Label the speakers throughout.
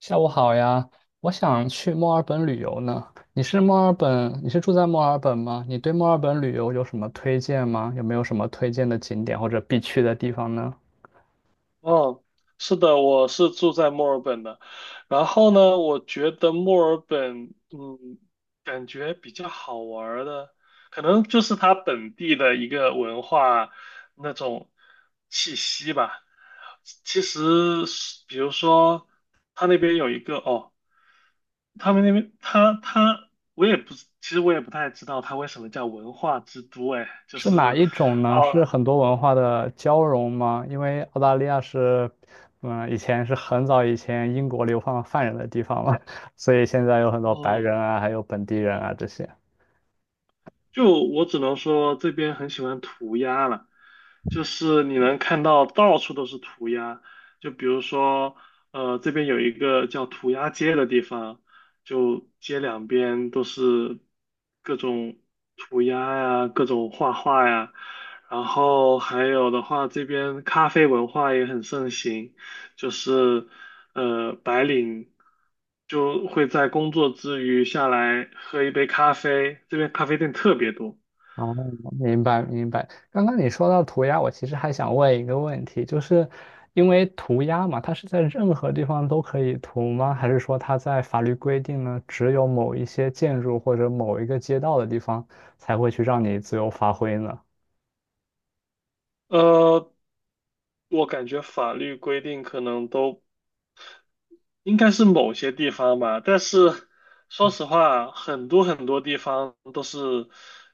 Speaker 1: 下午好呀，我想去墨尔本旅游呢。你是住在墨尔本吗？你对墨尔本旅游有什么推荐吗？有没有什么推荐的景点或者必去的地方呢？
Speaker 2: 哦，是的，我是住在墨尔本的。然后呢，我觉得墨尔本，感觉比较好玩儿的，可能就是它本地的一个文化那种气息吧。其实是，比如说，他那边有一个他们那边我也不，其实我也不太知道他为什么叫文化之都，哎，就
Speaker 1: 是
Speaker 2: 是
Speaker 1: 哪一种呢？是
Speaker 2: 哦。
Speaker 1: 很多文化的交融吗？因为澳大利亚是，嗯，以前是很早以前英国流放犯人的地方嘛，所以现在有很多白
Speaker 2: 嗯，
Speaker 1: 人啊，还有本地人啊这些。
Speaker 2: 就我只能说这边很喜欢涂鸦了，就是你能看到到处都是涂鸦，就比如说，这边有一个叫涂鸦街的地方，就街两边都是各种涂鸦呀，各种画画呀，然后还有的话，这边咖啡文化也很盛行，就是白领就会在工作之余下来喝一杯咖啡，这边咖啡店特别多。
Speaker 1: 哦，明白明白。刚刚你说到涂鸦，我其实还想问一个问题，就是因为涂鸦嘛，它是在任何地方都可以涂吗？还是说它在法律规定呢，只有某一些建筑或者某一个街道的地方才会去让你自由发挥呢？
Speaker 2: 呃，我感觉法律规定可能都应该是某些地方吧，但是说实话，很多很多地方都是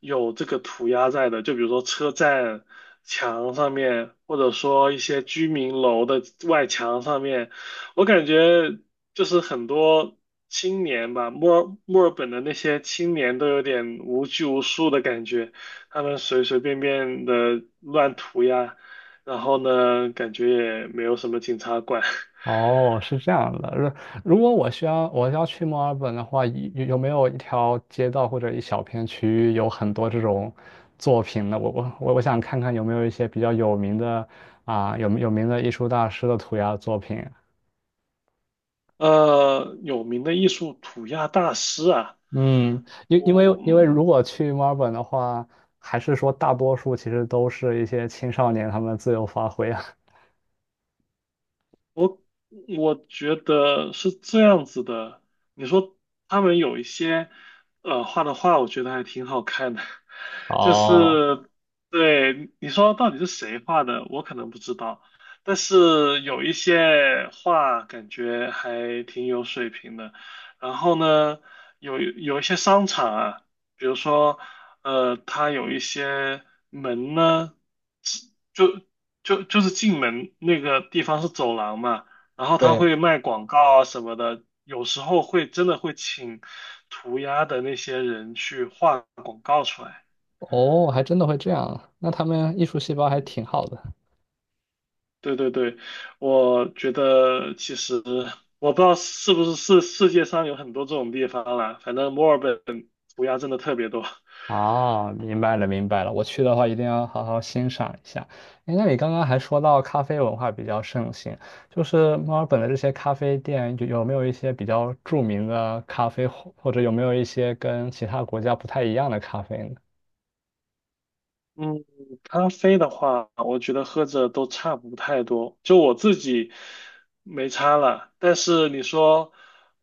Speaker 2: 有这个涂鸦在的，就比如说车站墙上面，或者说一些居民楼的外墙上面，我感觉就是很多青年吧，墨尔本的那些青年都有点无拘无束的感觉，他们随随便便的乱涂鸦，然后呢，感觉也没有什么警察管。
Speaker 1: 哦，是这样的。如果我需要我要去墨尔本的话，有没有一条街道或者一小片区域有很多这种作品呢？我想看看有没有一些比较有名的啊，有名的艺术大师的涂鸦作品。
Speaker 2: 有名的艺术涂鸦大师啊，
Speaker 1: 嗯，因因为
Speaker 2: 我
Speaker 1: 因为
Speaker 2: 嗯，
Speaker 1: 如果去墨尔本的话，还是说大多数其实都是一些青少年他们自由发挥啊。
Speaker 2: 我觉得是这样子的。你说他们有一些画的画，我觉得还挺好看的。就
Speaker 1: 哦，
Speaker 2: 是对你说到底是谁画的，我可能不知道，但是有一些画感觉还挺有水平的。然后呢，有一些商场啊，比如说它有一些门呢，就就是进门那个地方是走廊嘛。然后他
Speaker 1: 对，
Speaker 2: 会卖广告啊什么的，有时候会真的会请涂鸦的那些人去画广告出来。
Speaker 1: 哦，还真的会这样，那他们艺术细胞还挺好的。
Speaker 2: 对对对，我觉得其实我不知道是不是世界上有很多这种地方啦，反正墨尔本涂鸦真的特别多。
Speaker 1: 哦，明白了，明白了。我去的话，一定要好好欣赏一下。哎，那你刚刚还说到咖啡文化比较盛行，就是墨尔本的这些咖啡店，有没有一些比较著名的咖啡，或者有没有一些跟其他国家不太一样的咖啡呢？
Speaker 2: 嗯，咖啡的话，我觉得喝着都差不太多，就我自己没差了。但是你说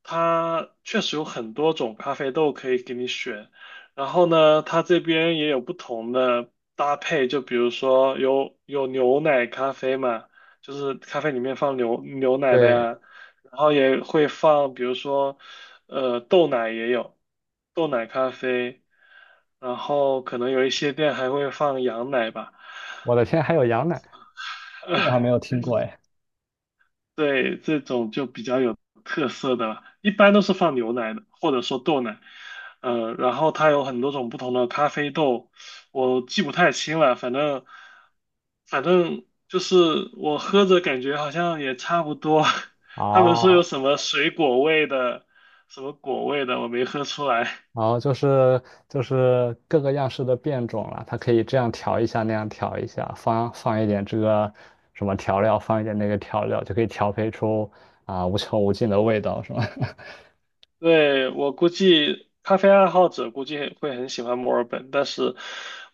Speaker 2: 它确实有很多种咖啡豆可以给你选，然后呢，它这边也有不同的搭配，就比如说有牛奶咖啡嘛，就是咖啡里面放牛奶的
Speaker 1: 对，
Speaker 2: 呀，然后也会放，比如说。豆奶也有，豆奶咖啡，然后可能有一些店还会放羊奶吧，
Speaker 1: 我的天，还有羊奶，这个
Speaker 2: 呃，
Speaker 1: 还没有听过哎。
Speaker 2: 对，这种就比较有特色的了，一般都是放牛奶的，或者说豆奶，然后它有很多种不同的咖啡豆，我记不太清了，反正就是我喝着感觉好像也差不多，他们说有
Speaker 1: 哦，
Speaker 2: 什么水果味的，什么果味的，我没喝出来。
Speaker 1: 然后就是各个样式的变种了，它可以这样调一下，那样调一下，放一点这个什么调料，放一点那个调料，就可以调配出啊、无穷无尽的味道，是吧？
Speaker 2: 对，我估计咖啡爱好者估计很会很喜欢墨尔本，但是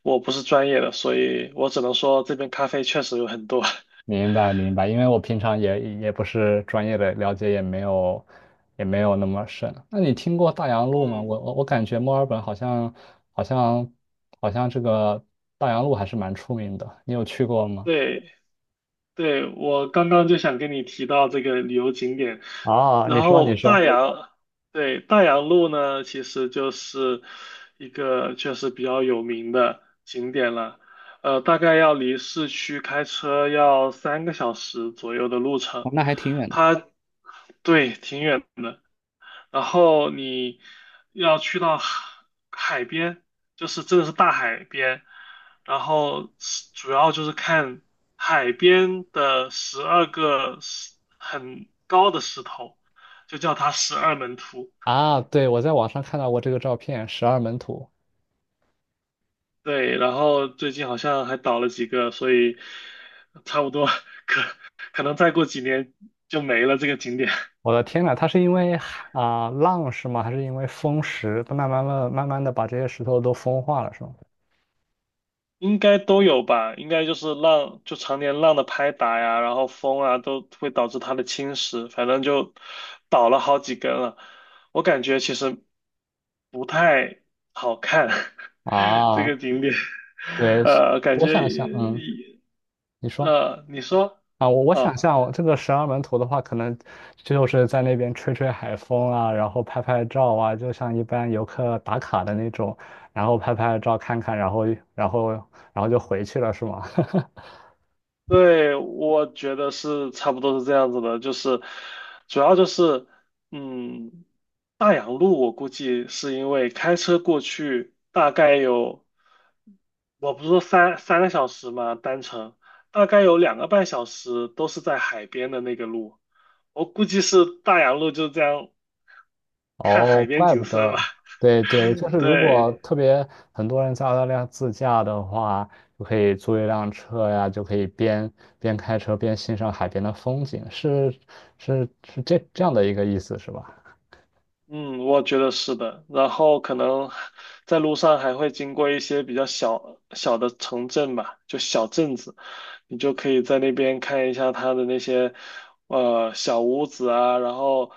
Speaker 2: 我不是专业的，所以我只能说这边咖啡确实有很多。
Speaker 1: 明白明白，因为我平常也不是专业的，了解也没有那么深。那你听过大洋 路吗？
Speaker 2: 嗯，
Speaker 1: 我感觉墨尔本好像好像好像这个大洋路还是蛮出名的，你有去过吗？
Speaker 2: 对，对，我刚刚就想跟你提到这个旅游景点，
Speaker 1: 啊，你
Speaker 2: 然
Speaker 1: 说你
Speaker 2: 后
Speaker 1: 说，
Speaker 2: 对，大洋路呢，其实就是一个确实比较有名的景点了，大概要离市区开车要三个小时左右的路程，
Speaker 1: 哦那还挺远的。
Speaker 2: 它，对，挺远的。然后你要去到海边，就是真的是大海边，然后是主要就是看海边的12个石很高的石头，就叫它十二门徒。
Speaker 1: 啊，对，我在网上看到过这个照片，十二门徒。
Speaker 2: 对，然后最近好像还倒了几个，所以差不多可能再过几年就没了这个景点。
Speaker 1: 我的天呐，它是因为海啊、浪是吗？还是因为风石，它慢慢的把这些石头都风化了，是吗？
Speaker 2: 应该都有吧，应该就是浪，就常年浪的拍打呀，然后风啊，都会导致它的侵蚀，反正就倒了好几根了。我感觉其实不太好看，这
Speaker 1: 啊，
Speaker 2: 个景点，
Speaker 1: 对，
Speaker 2: 感
Speaker 1: 我
Speaker 2: 觉，
Speaker 1: 想象，嗯，你说
Speaker 2: 你说，
Speaker 1: 啊，我
Speaker 2: 啊。
Speaker 1: 想象，我这个十二门徒的话，可能就是在那边吹吹海风啊，然后拍拍照啊，就像一般游客打卡的那种，然后拍拍照看看，然后然后就回去了，是吗？
Speaker 2: 对，我觉得是差不多是这样子的，就是主要就是，嗯，大洋路我估计是因为开车过去大概有，我不是说3个小时嘛，单程大概有2个半小时都是在海边的那个路，我估计是大洋路就这样看
Speaker 1: 哦，
Speaker 2: 海边
Speaker 1: 怪不
Speaker 2: 景色吧，
Speaker 1: 得，对对，就是 如果
Speaker 2: 对。
Speaker 1: 特别很多人在澳大利亚自驾的话，就可以租一辆车呀，就可以边开车边欣赏海边的风景，是这样的一个意思是吧？
Speaker 2: 嗯，我觉得是的。然后可能在路上还会经过一些比较小小的城镇吧，就小镇子，你就可以在那边看一下它的那些小屋子啊，然后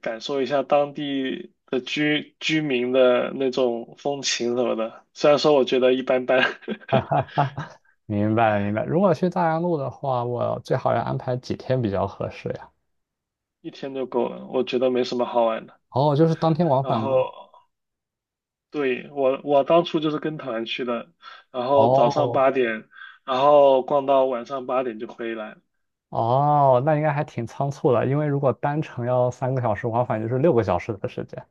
Speaker 2: 感受一下当地的居民的那种风情什么的。虽然说我觉得一般般，
Speaker 1: 明白了明白了。如果去大洋路的话，我最好要安排几天比较合适呀？
Speaker 2: 一天就够了，我觉得没什么好玩的。
Speaker 1: 哦，就是当天往
Speaker 2: 然
Speaker 1: 返吗？
Speaker 2: 后对，我当初就是跟团去的，然后早上
Speaker 1: 哦
Speaker 2: 八点，然后逛到晚上八点就回来。
Speaker 1: 哦，那应该还挺仓促的，因为如果单程要3个小时，往返就是6个小时的时间。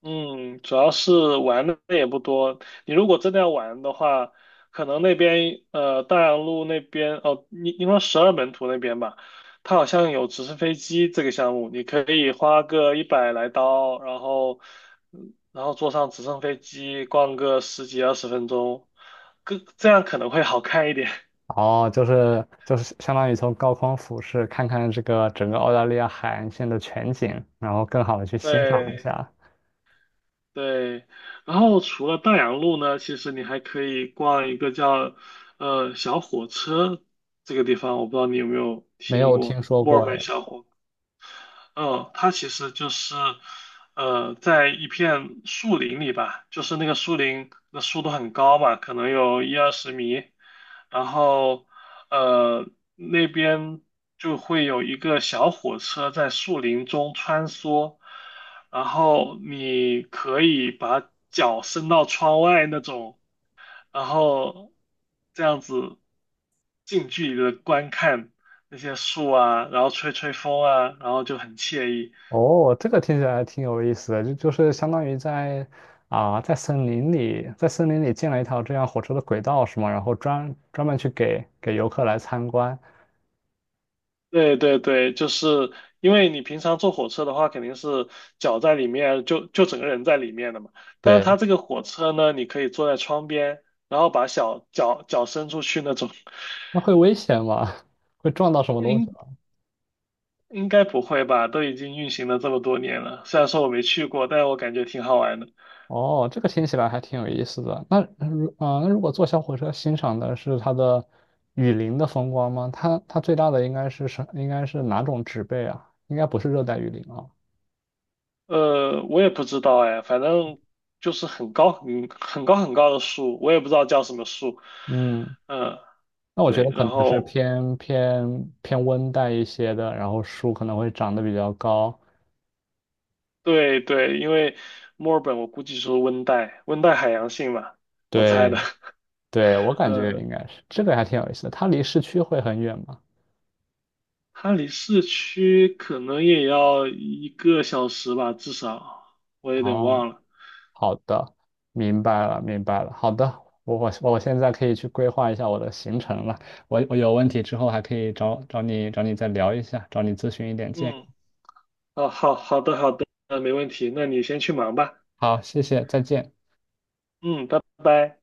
Speaker 2: 嗯，主要是玩的也不多。你如果真的要玩的话，可能那边大洋路那边哦，你因为十二门徒那边吧，它好像有直升飞机这个项目，你可以花个100来刀，然后然后坐上直升飞机逛个十几二十分钟，更这样可能会好看一点。
Speaker 1: 哦，就是相当于从高空俯视，看看这个整个澳大利亚海岸线的全景，然后更好的去欣赏一
Speaker 2: 对，
Speaker 1: 下。
Speaker 2: 对，然后除了大洋路呢，其实你还可以逛一个叫小火车这个地方，我不知道你有没有
Speaker 1: 没
Speaker 2: 听
Speaker 1: 有听
Speaker 2: 过
Speaker 1: 说
Speaker 2: 墨尔
Speaker 1: 过
Speaker 2: 本。
Speaker 1: 哎。
Speaker 2: 小火嗯，它其实就是，在一片树林里吧，就是那个树林的树都很高嘛，可能有一二十米，然后，呃，那边就会有一个小火车在树林中穿梭，然后你可以把脚伸到窗外那种，然后这样子近距离的观看那些树啊，然后吹吹风啊，然后就很惬意。
Speaker 1: 哦，这个听起来挺有意思的，就是相当于在啊、在森林里，在森林里建了一条这样火车的轨道是吗？然后专门去给游客来参观。
Speaker 2: 对对对，就是因为你平常坐火车的话，肯定是脚在里面，就整个人在里面的嘛。但是
Speaker 1: 对，
Speaker 2: 它这个火车呢，你可以坐在窗边，然后把小脚脚伸出去那种。
Speaker 1: 那会危险吗？会撞到什么东西？
Speaker 2: 应应该不会吧？都已经运行了这么多年了，虽然说我没去过，但是我感觉挺好玩的。
Speaker 1: 哦，这个听起来还挺有意思的。那那如果坐小火车欣赏的是它的雨林的风光吗？它最大的应该是什？应该是哪种植被啊？应该不是热带雨林啊。
Speaker 2: 我也不知道哎，反正就是很高很高很高的树，我也不知道叫什么树。
Speaker 1: 嗯，
Speaker 2: 嗯，
Speaker 1: 那我觉
Speaker 2: 对，
Speaker 1: 得可
Speaker 2: 然
Speaker 1: 能是
Speaker 2: 后
Speaker 1: 偏温带一些的，然后树可能会长得比较高。
Speaker 2: 对对，因为墨尔本我估计是温带海洋性嘛，我猜的。
Speaker 1: 对对，我 感觉
Speaker 2: 嗯，
Speaker 1: 应该是这个还挺有意思的。它离市区会很远吗？
Speaker 2: 它离市区可能也要1个小时吧，至少我有点
Speaker 1: 哦
Speaker 2: 忘了。
Speaker 1: 好的，明白了，明白了。好的，我现在可以去规划一下我的行程了。我有问题之后还可以找你再聊一下，找你咨询一点建
Speaker 2: 嗯，
Speaker 1: 议。
Speaker 2: 哦，好好的好的，没问题，那你先去忙吧。
Speaker 1: 好，谢谢，再见。
Speaker 2: 嗯，拜拜。